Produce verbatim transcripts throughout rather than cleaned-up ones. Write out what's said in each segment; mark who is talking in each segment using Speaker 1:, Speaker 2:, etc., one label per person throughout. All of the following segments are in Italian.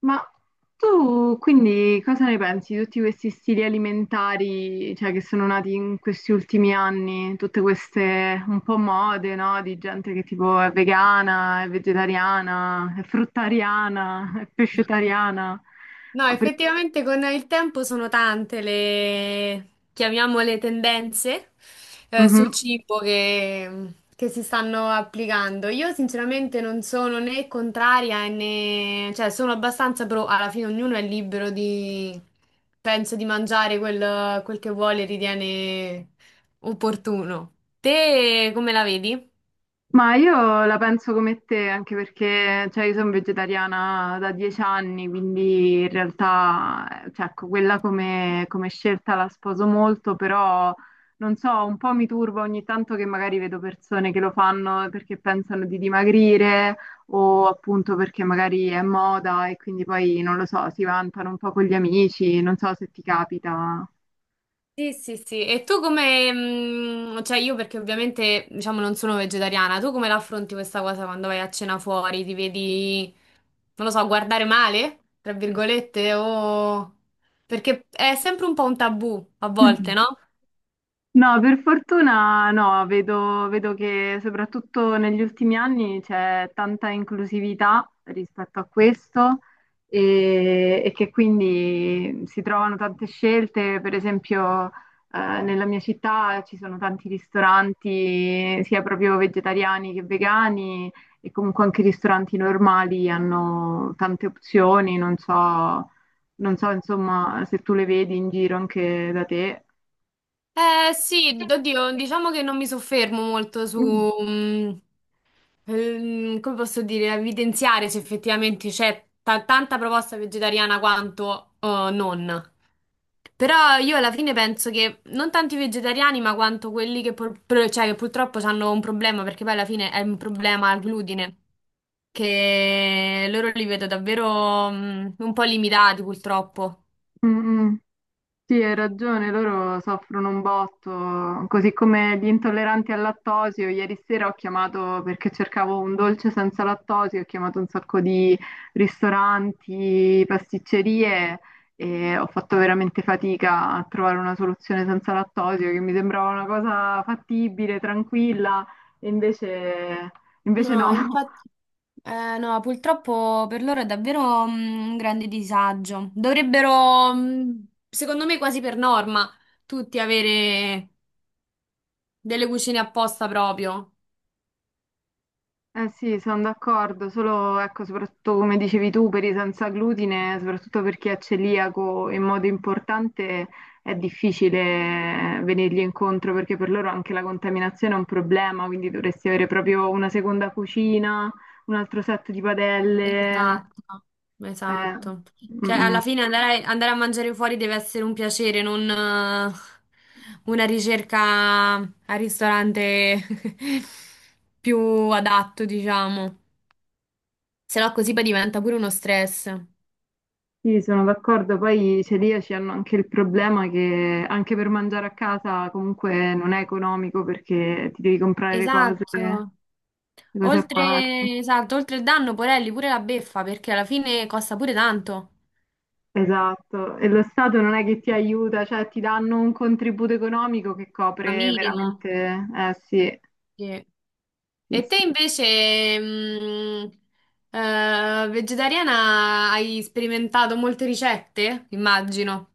Speaker 1: Ma tu quindi cosa ne pensi di tutti questi stili alimentari, cioè, che sono nati in questi ultimi anni, tutte queste un po' mode, no? Di gente che tipo è vegana, è vegetariana, è fruttariana, è pescetariana.
Speaker 2: No,
Speaker 1: Ah, perché-
Speaker 2: effettivamente con il tempo sono tante le, chiamiamole tendenze eh,
Speaker 1: Mhm.
Speaker 2: sul cibo che, che si stanno applicando. Io sinceramente non sono né contraria né, cioè sono abbastanza pro, alla fine ognuno è libero di, penso, di mangiare quel, quel che vuole e ritiene opportuno. Te come la vedi?
Speaker 1: Ma io la penso come te, anche perché cioè, io sono vegetariana da dieci anni, quindi in realtà eh, cioè, ecco, quella come, come scelta la sposo molto, però non so, un po' mi turba ogni tanto che magari vedo persone che lo fanno perché pensano di dimagrire o appunto perché magari è moda e quindi poi non lo so, si vantano un po' con gli amici, non so se ti capita.
Speaker 2: Sì, sì, sì. E tu come, mh, cioè io perché ovviamente, diciamo, non sono vegetariana, tu come la affronti questa cosa quando vai a cena fuori? Ti vedi, non lo so, guardare male, tra virgolette, o... Perché è sempre un po' un tabù, a volte, no?
Speaker 1: No, per fortuna no, vedo, vedo che soprattutto negli ultimi anni c'è tanta inclusività rispetto a questo e, e che quindi si trovano tante scelte, per esempio eh, nella mia città ci sono tanti ristoranti sia proprio vegetariani che vegani e comunque anche i ristoranti normali hanno tante opzioni, non so, non so insomma se tu le vedi in giro anche da te.
Speaker 2: Eh sì, oddio, diciamo che non mi soffermo molto su,
Speaker 1: Mm,
Speaker 2: mm, ehm, come posso dire, a evidenziare se effettivamente c'è ta- tanta proposta vegetariana quanto eh, non. Però io alla fine penso che non tanti vegetariani, ma quanto quelli che, pur- pr- cioè, che purtroppo hanno un problema, perché poi alla fine è un problema al glutine, che loro li vedo davvero mm, un po' limitati purtroppo.
Speaker 1: mm. Mm. Sì, hai ragione, loro soffrono un botto, così come gli intolleranti al lattosio. Ieri sera ho chiamato perché cercavo un dolce senza lattosio, ho chiamato un sacco di ristoranti, pasticcerie e ho fatto veramente fatica a trovare una soluzione senza lattosio, che mi sembrava una cosa fattibile, tranquilla, e invece, invece
Speaker 2: No,
Speaker 1: no.
Speaker 2: infatti, eh, no, purtroppo per loro è davvero mm, un grande disagio. Dovrebbero, mm, secondo me, quasi per norma, tutti avere delle cucine apposta proprio.
Speaker 1: Eh sì, sono d'accordo, solo ecco, soprattutto come dicevi tu, per i senza glutine, soprattutto per chi è celiaco in modo importante, è difficile venirgli incontro perché per loro anche la contaminazione è un problema, quindi dovresti avere proprio una seconda cucina, un altro set di padelle.
Speaker 2: Esatto,
Speaker 1: eh,
Speaker 2: esatto. Cioè,
Speaker 1: mm, mm.
Speaker 2: alla fine andare, andare a mangiare fuori deve essere un piacere, non eh, una ricerca al ristorante più adatto, diciamo. Se no, così poi diventa pure uno stress.
Speaker 1: Sì, sono d'accordo, poi i celiaci hanno anche il problema che anche per mangiare a casa comunque non è economico perché ti devi comprare le cose.
Speaker 2: Esatto.
Speaker 1: Cose a parte.
Speaker 2: Oltre, esatto, oltre il danno, porelli, pure la beffa, perché alla fine costa pure tanto.
Speaker 1: Esatto, e lo Stato non è che ti aiuta, cioè ti danno un contributo economico che
Speaker 2: La
Speaker 1: copre
Speaker 2: minima.
Speaker 1: veramente, eh sì,
Speaker 2: Sì.
Speaker 1: sì,
Speaker 2: E te
Speaker 1: sì.
Speaker 2: invece, mh, eh, vegetariana, hai sperimentato molte ricette? Immagino.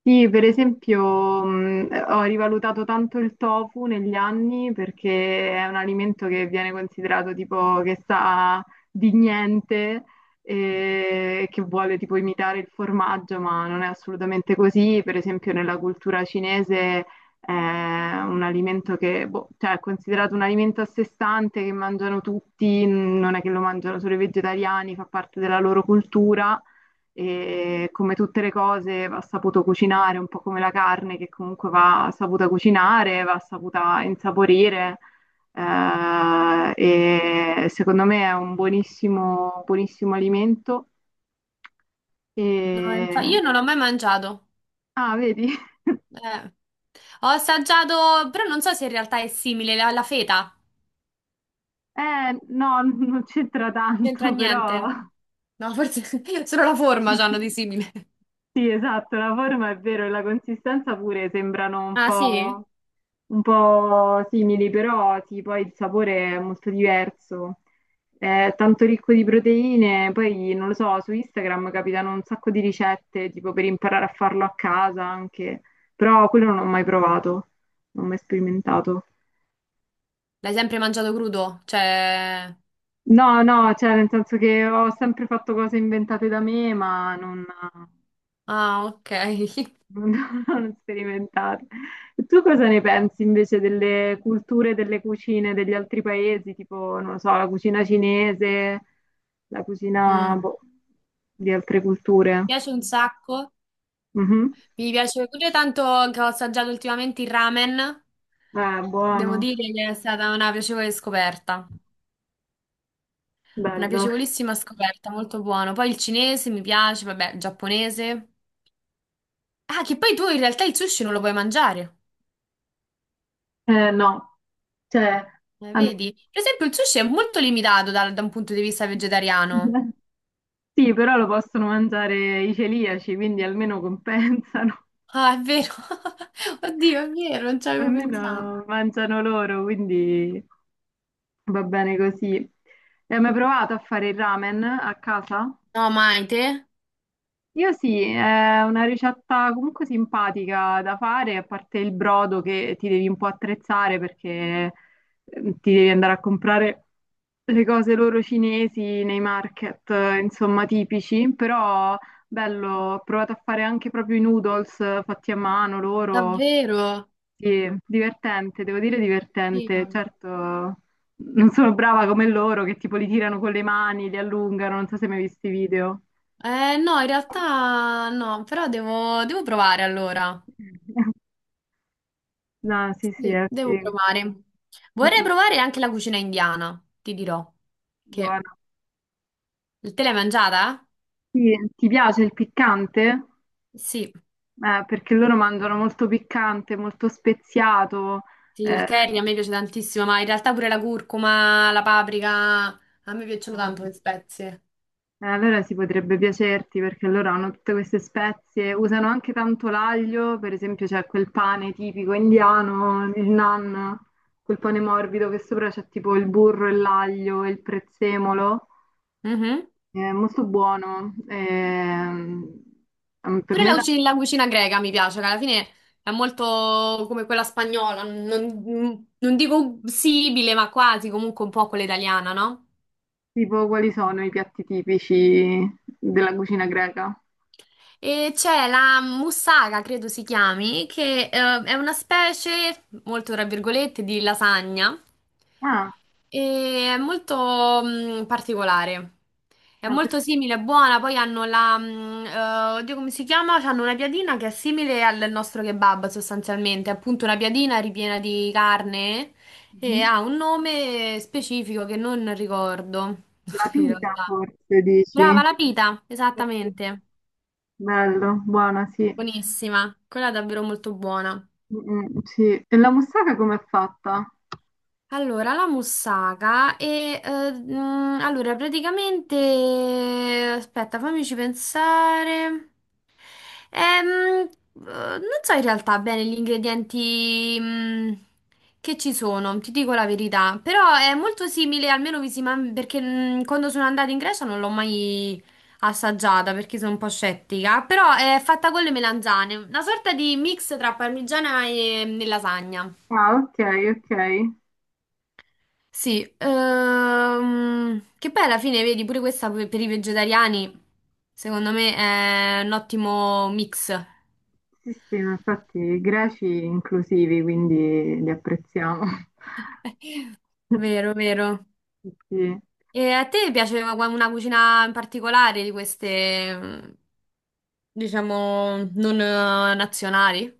Speaker 1: Sì, per esempio, mh, ho rivalutato tanto il tofu negli anni perché è un alimento che viene considerato tipo che sa di niente e che vuole tipo imitare il formaggio, ma non è assolutamente così. Per esempio, nella cultura cinese è un alimento che, boh, cioè, è considerato un alimento a sé stante che mangiano tutti, non è che lo mangiano solo i vegetariani, fa parte della loro cultura e come tutte le cose va saputo cucinare, un po' come la carne che comunque va saputa cucinare, va saputa insaporire. eh, e secondo me è un buonissimo, buonissimo alimento.
Speaker 2: No, infa-
Speaker 1: E...
Speaker 2: io non ho mai mangiato.
Speaker 1: Ah, vedi?
Speaker 2: Eh. Ho assaggiato, però non so se in realtà è simile alla alla feta.
Speaker 1: Eh, no, non c'entra
Speaker 2: C'entra
Speaker 1: tanto, però
Speaker 2: niente. No, forse solo la forma c'hanno di simile.
Speaker 1: sì, esatto, la forma è vero e la consistenza pure sembrano un
Speaker 2: Ah, sì?
Speaker 1: po'. Un po' simili, però sì, poi il sapore è molto diverso. È tanto ricco di proteine, poi non lo so, su Instagram capitano un sacco di ricette, tipo per imparare a farlo a casa anche, però quello non ho mai provato, non ho mai sperimentato.
Speaker 2: L'hai sempre mangiato crudo? Cioè.
Speaker 1: No, no, cioè nel senso che ho sempre fatto cose inventate da me, ma non...
Speaker 2: Ah, ok.
Speaker 1: Non, non sperimentate. E tu cosa ne pensi invece delle culture, delle cucine degli altri paesi, tipo, non lo so, la cucina cinese, la
Speaker 2: Mm.
Speaker 1: cucina,
Speaker 2: Mi
Speaker 1: boh, di altre culture?
Speaker 2: piace un sacco.
Speaker 1: Mhm.
Speaker 2: Mi piace pure tanto che ho assaggiato ultimamente il ramen.
Speaker 1: Eh,
Speaker 2: Devo
Speaker 1: buono,
Speaker 2: dire che è stata una piacevole scoperta. Una
Speaker 1: bello.
Speaker 2: piacevolissima scoperta, molto buono. Poi il cinese mi piace, vabbè, il giapponese. Ah, che poi tu in realtà il sushi non lo puoi mangiare.
Speaker 1: Eh, no, cioè,
Speaker 2: Eh,
Speaker 1: hanno-
Speaker 2: vedi? Per esempio, il sushi è molto limitato dal- da un punto di vista vegetariano.
Speaker 1: sì, però lo possono mangiare i celiaci, quindi almeno compensano,
Speaker 2: Ah, è vero. Oddio, è vero, non ci avevo pensato.
Speaker 1: almeno mangiano loro, quindi... Va bene così. Hai mai provato a fare il ramen a casa?
Speaker 2: No, mai te?
Speaker 1: Io sì, è una ricetta comunque simpatica da fare, a parte il brodo che ti devi un po' attrezzare perché eh, ti devi andare a comprare le cose loro cinesi nei market, eh, insomma, tipici, però bello, ho provato a fare anche proprio i noodles eh, fatti a mano loro,
Speaker 2: Davvero?
Speaker 1: sì, divertente, devo dire
Speaker 2: Sì.
Speaker 1: divertente.
Speaker 2: No.
Speaker 1: Certo, non sono brava come loro che tipo li tirano con le mani, li allungano, non so se mi hai mai visto i video.
Speaker 2: Eh, no, in realtà no, però devo, devo provare allora.
Speaker 1: No, sì, sì,
Speaker 2: Sì,
Speaker 1: è
Speaker 2: devo
Speaker 1: sì.
Speaker 2: provare. Vorrei
Speaker 1: Mm,
Speaker 2: provare anche la cucina indiana, ti dirò. Che...
Speaker 1: buono.
Speaker 2: Te l'hai mangiata?
Speaker 1: Sì, ti piace il piccante?
Speaker 2: Sì,
Speaker 1: Eh, perché loro mangiano molto piccante, molto speziato.
Speaker 2: sì, il
Speaker 1: eh,
Speaker 2: curry a me piace tantissimo, ma in realtà pure la curcuma, la paprika, a me piacciono tanto le spezie.
Speaker 1: Eh, Allora si potrebbe piacerti perché loro hanno tutte queste spezie, usano anche tanto l'aglio, per esempio c'è quel pane tipico indiano, il naan, quel pane morbido che sopra c'è tipo il burro e l'aglio e il prezzemolo,
Speaker 2: Mhm.
Speaker 1: è molto buono. Ehm, ehm, per
Speaker 2: Pure
Speaker 1: me
Speaker 2: la
Speaker 1: la-
Speaker 2: cucina, la cucina greca mi piace, che alla fine è molto come quella spagnola, non, non dico simile, ma quasi comunque un po' quella italiana, no?
Speaker 1: tipo quali sono i piatti tipici della cucina greca?
Speaker 2: E c'è la mussaga, credo si chiami, che eh, è una specie, molto tra virgolette, di lasagna
Speaker 1: Ah,
Speaker 2: e è molto mh, particolare. È
Speaker 1: ma per-
Speaker 2: molto simile, è buona, poi hanno la, mh, eh, oddio come si chiama? Hanno una piadina che è simile al nostro kebab sostanzialmente, è appunto una piadina ripiena di carne
Speaker 1: mhm.
Speaker 2: e ha un nome specifico che non ricordo
Speaker 1: La
Speaker 2: in
Speaker 1: pita
Speaker 2: realtà.
Speaker 1: forse dici?
Speaker 2: Brava, la pita, esattamente.
Speaker 1: Bello, buona, sì.
Speaker 2: Buonissima, quella è davvero molto buona.
Speaker 1: Mm, sì, e la moussaka com'è fatta?
Speaker 2: Allora, la moussaka e eh, mm, allora praticamente aspetta, fammici pensare. Ehm, eh, Non so in realtà bene gli ingredienti mm, che ci sono, ti dico la verità, però è molto simile, almeno visivamente, perché mm, quando sono andata in Grecia non l'ho mai assaggiata perché sono un po' scettica, però è fatta con le melanzane, una sorta di mix tra parmigiana e, mm, e lasagna.
Speaker 1: Ah, ok, ok.
Speaker 2: Sì, ehm, che poi alla fine, vedi, pure questa per per i vegetariani, secondo me è un ottimo mix.
Speaker 1: Sì, sì, ma infatti i greci inclusivi, quindi li apprezziamo.
Speaker 2: Vero, vero.
Speaker 1: Sì.
Speaker 2: E a te piace una una cucina in particolare di queste, mm, diciamo, non eh, nazionali?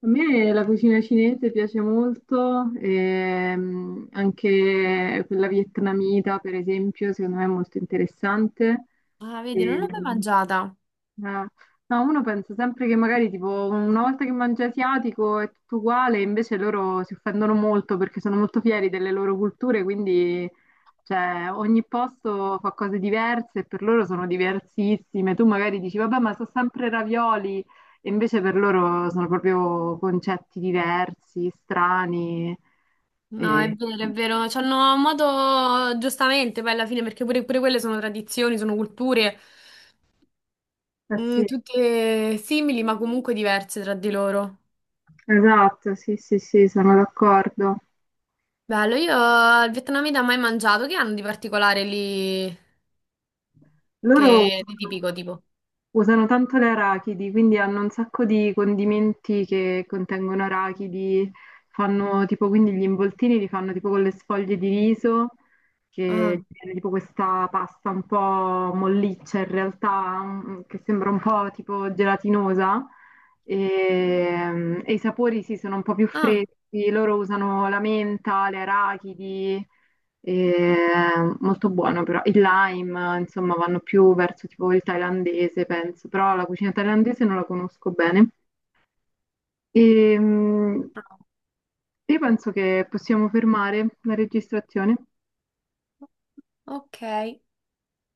Speaker 1: A me la cucina cinese piace molto, ehm, anche quella vietnamita, per esempio, secondo me è molto interessante.
Speaker 2: Ah, vedi, non l'ho mai
Speaker 1: Ehm,
Speaker 2: mangiata.
Speaker 1: Eh, no, uno pensa sempre che magari tipo una volta che mangia asiatico è tutto uguale, invece loro si offendono molto perché sono molto fieri delle loro culture, quindi cioè, ogni posto fa cose diverse e per loro sono diversissime. Tu magari dici, vabbè, ma sono sempre ravioli, e invece per loro sono proprio concetti diversi, strani.
Speaker 2: No, è
Speaker 1: E...
Speaker 2: vero, è vero. C'hanno un modo, giustamente, poi alla fine, perché pure, pure quelle sono tradizioni, sono culture,
Speaker 1: Eh
Speaker 2: mm,
Speaker 1: sì,
Speaker 2: tutte simili, ma comunque diverse tra di loro.
Speaker 1: esatto, sì, sì, sì, sono d'accordo.
Speaker 2: Bello, io al vietnamita mai mangiato, che hanno di particolare lì,
Speaker 1: Loro
Speaker 2: che di tipico tipo?
Speaker 1: usano tanto le arachidi, quindi hanno un sacco di condimenti che contengono arachidi, fanno tipo quindi gli involtini li fanno tipo con le sfoglie di riso,
Speaker 2: Ah,
Speaker 1: che viene tipo questa pasta un po' molliccia in realtà, mm, che sembra un po' tipo gelatinosa e, mm, e i sapori sì sono un po' più
Speaker 2: ah,
Speaker 1: freschi, loro usano la menta, le arachidi. E, molto buono però. Il lime, insomma, vanno più verso tipo il thailandese, penso, però la cucina thailandese non la conosco bene. E, mm, io penso che possiamo fermare la registrazione.
Speaker 2: ok.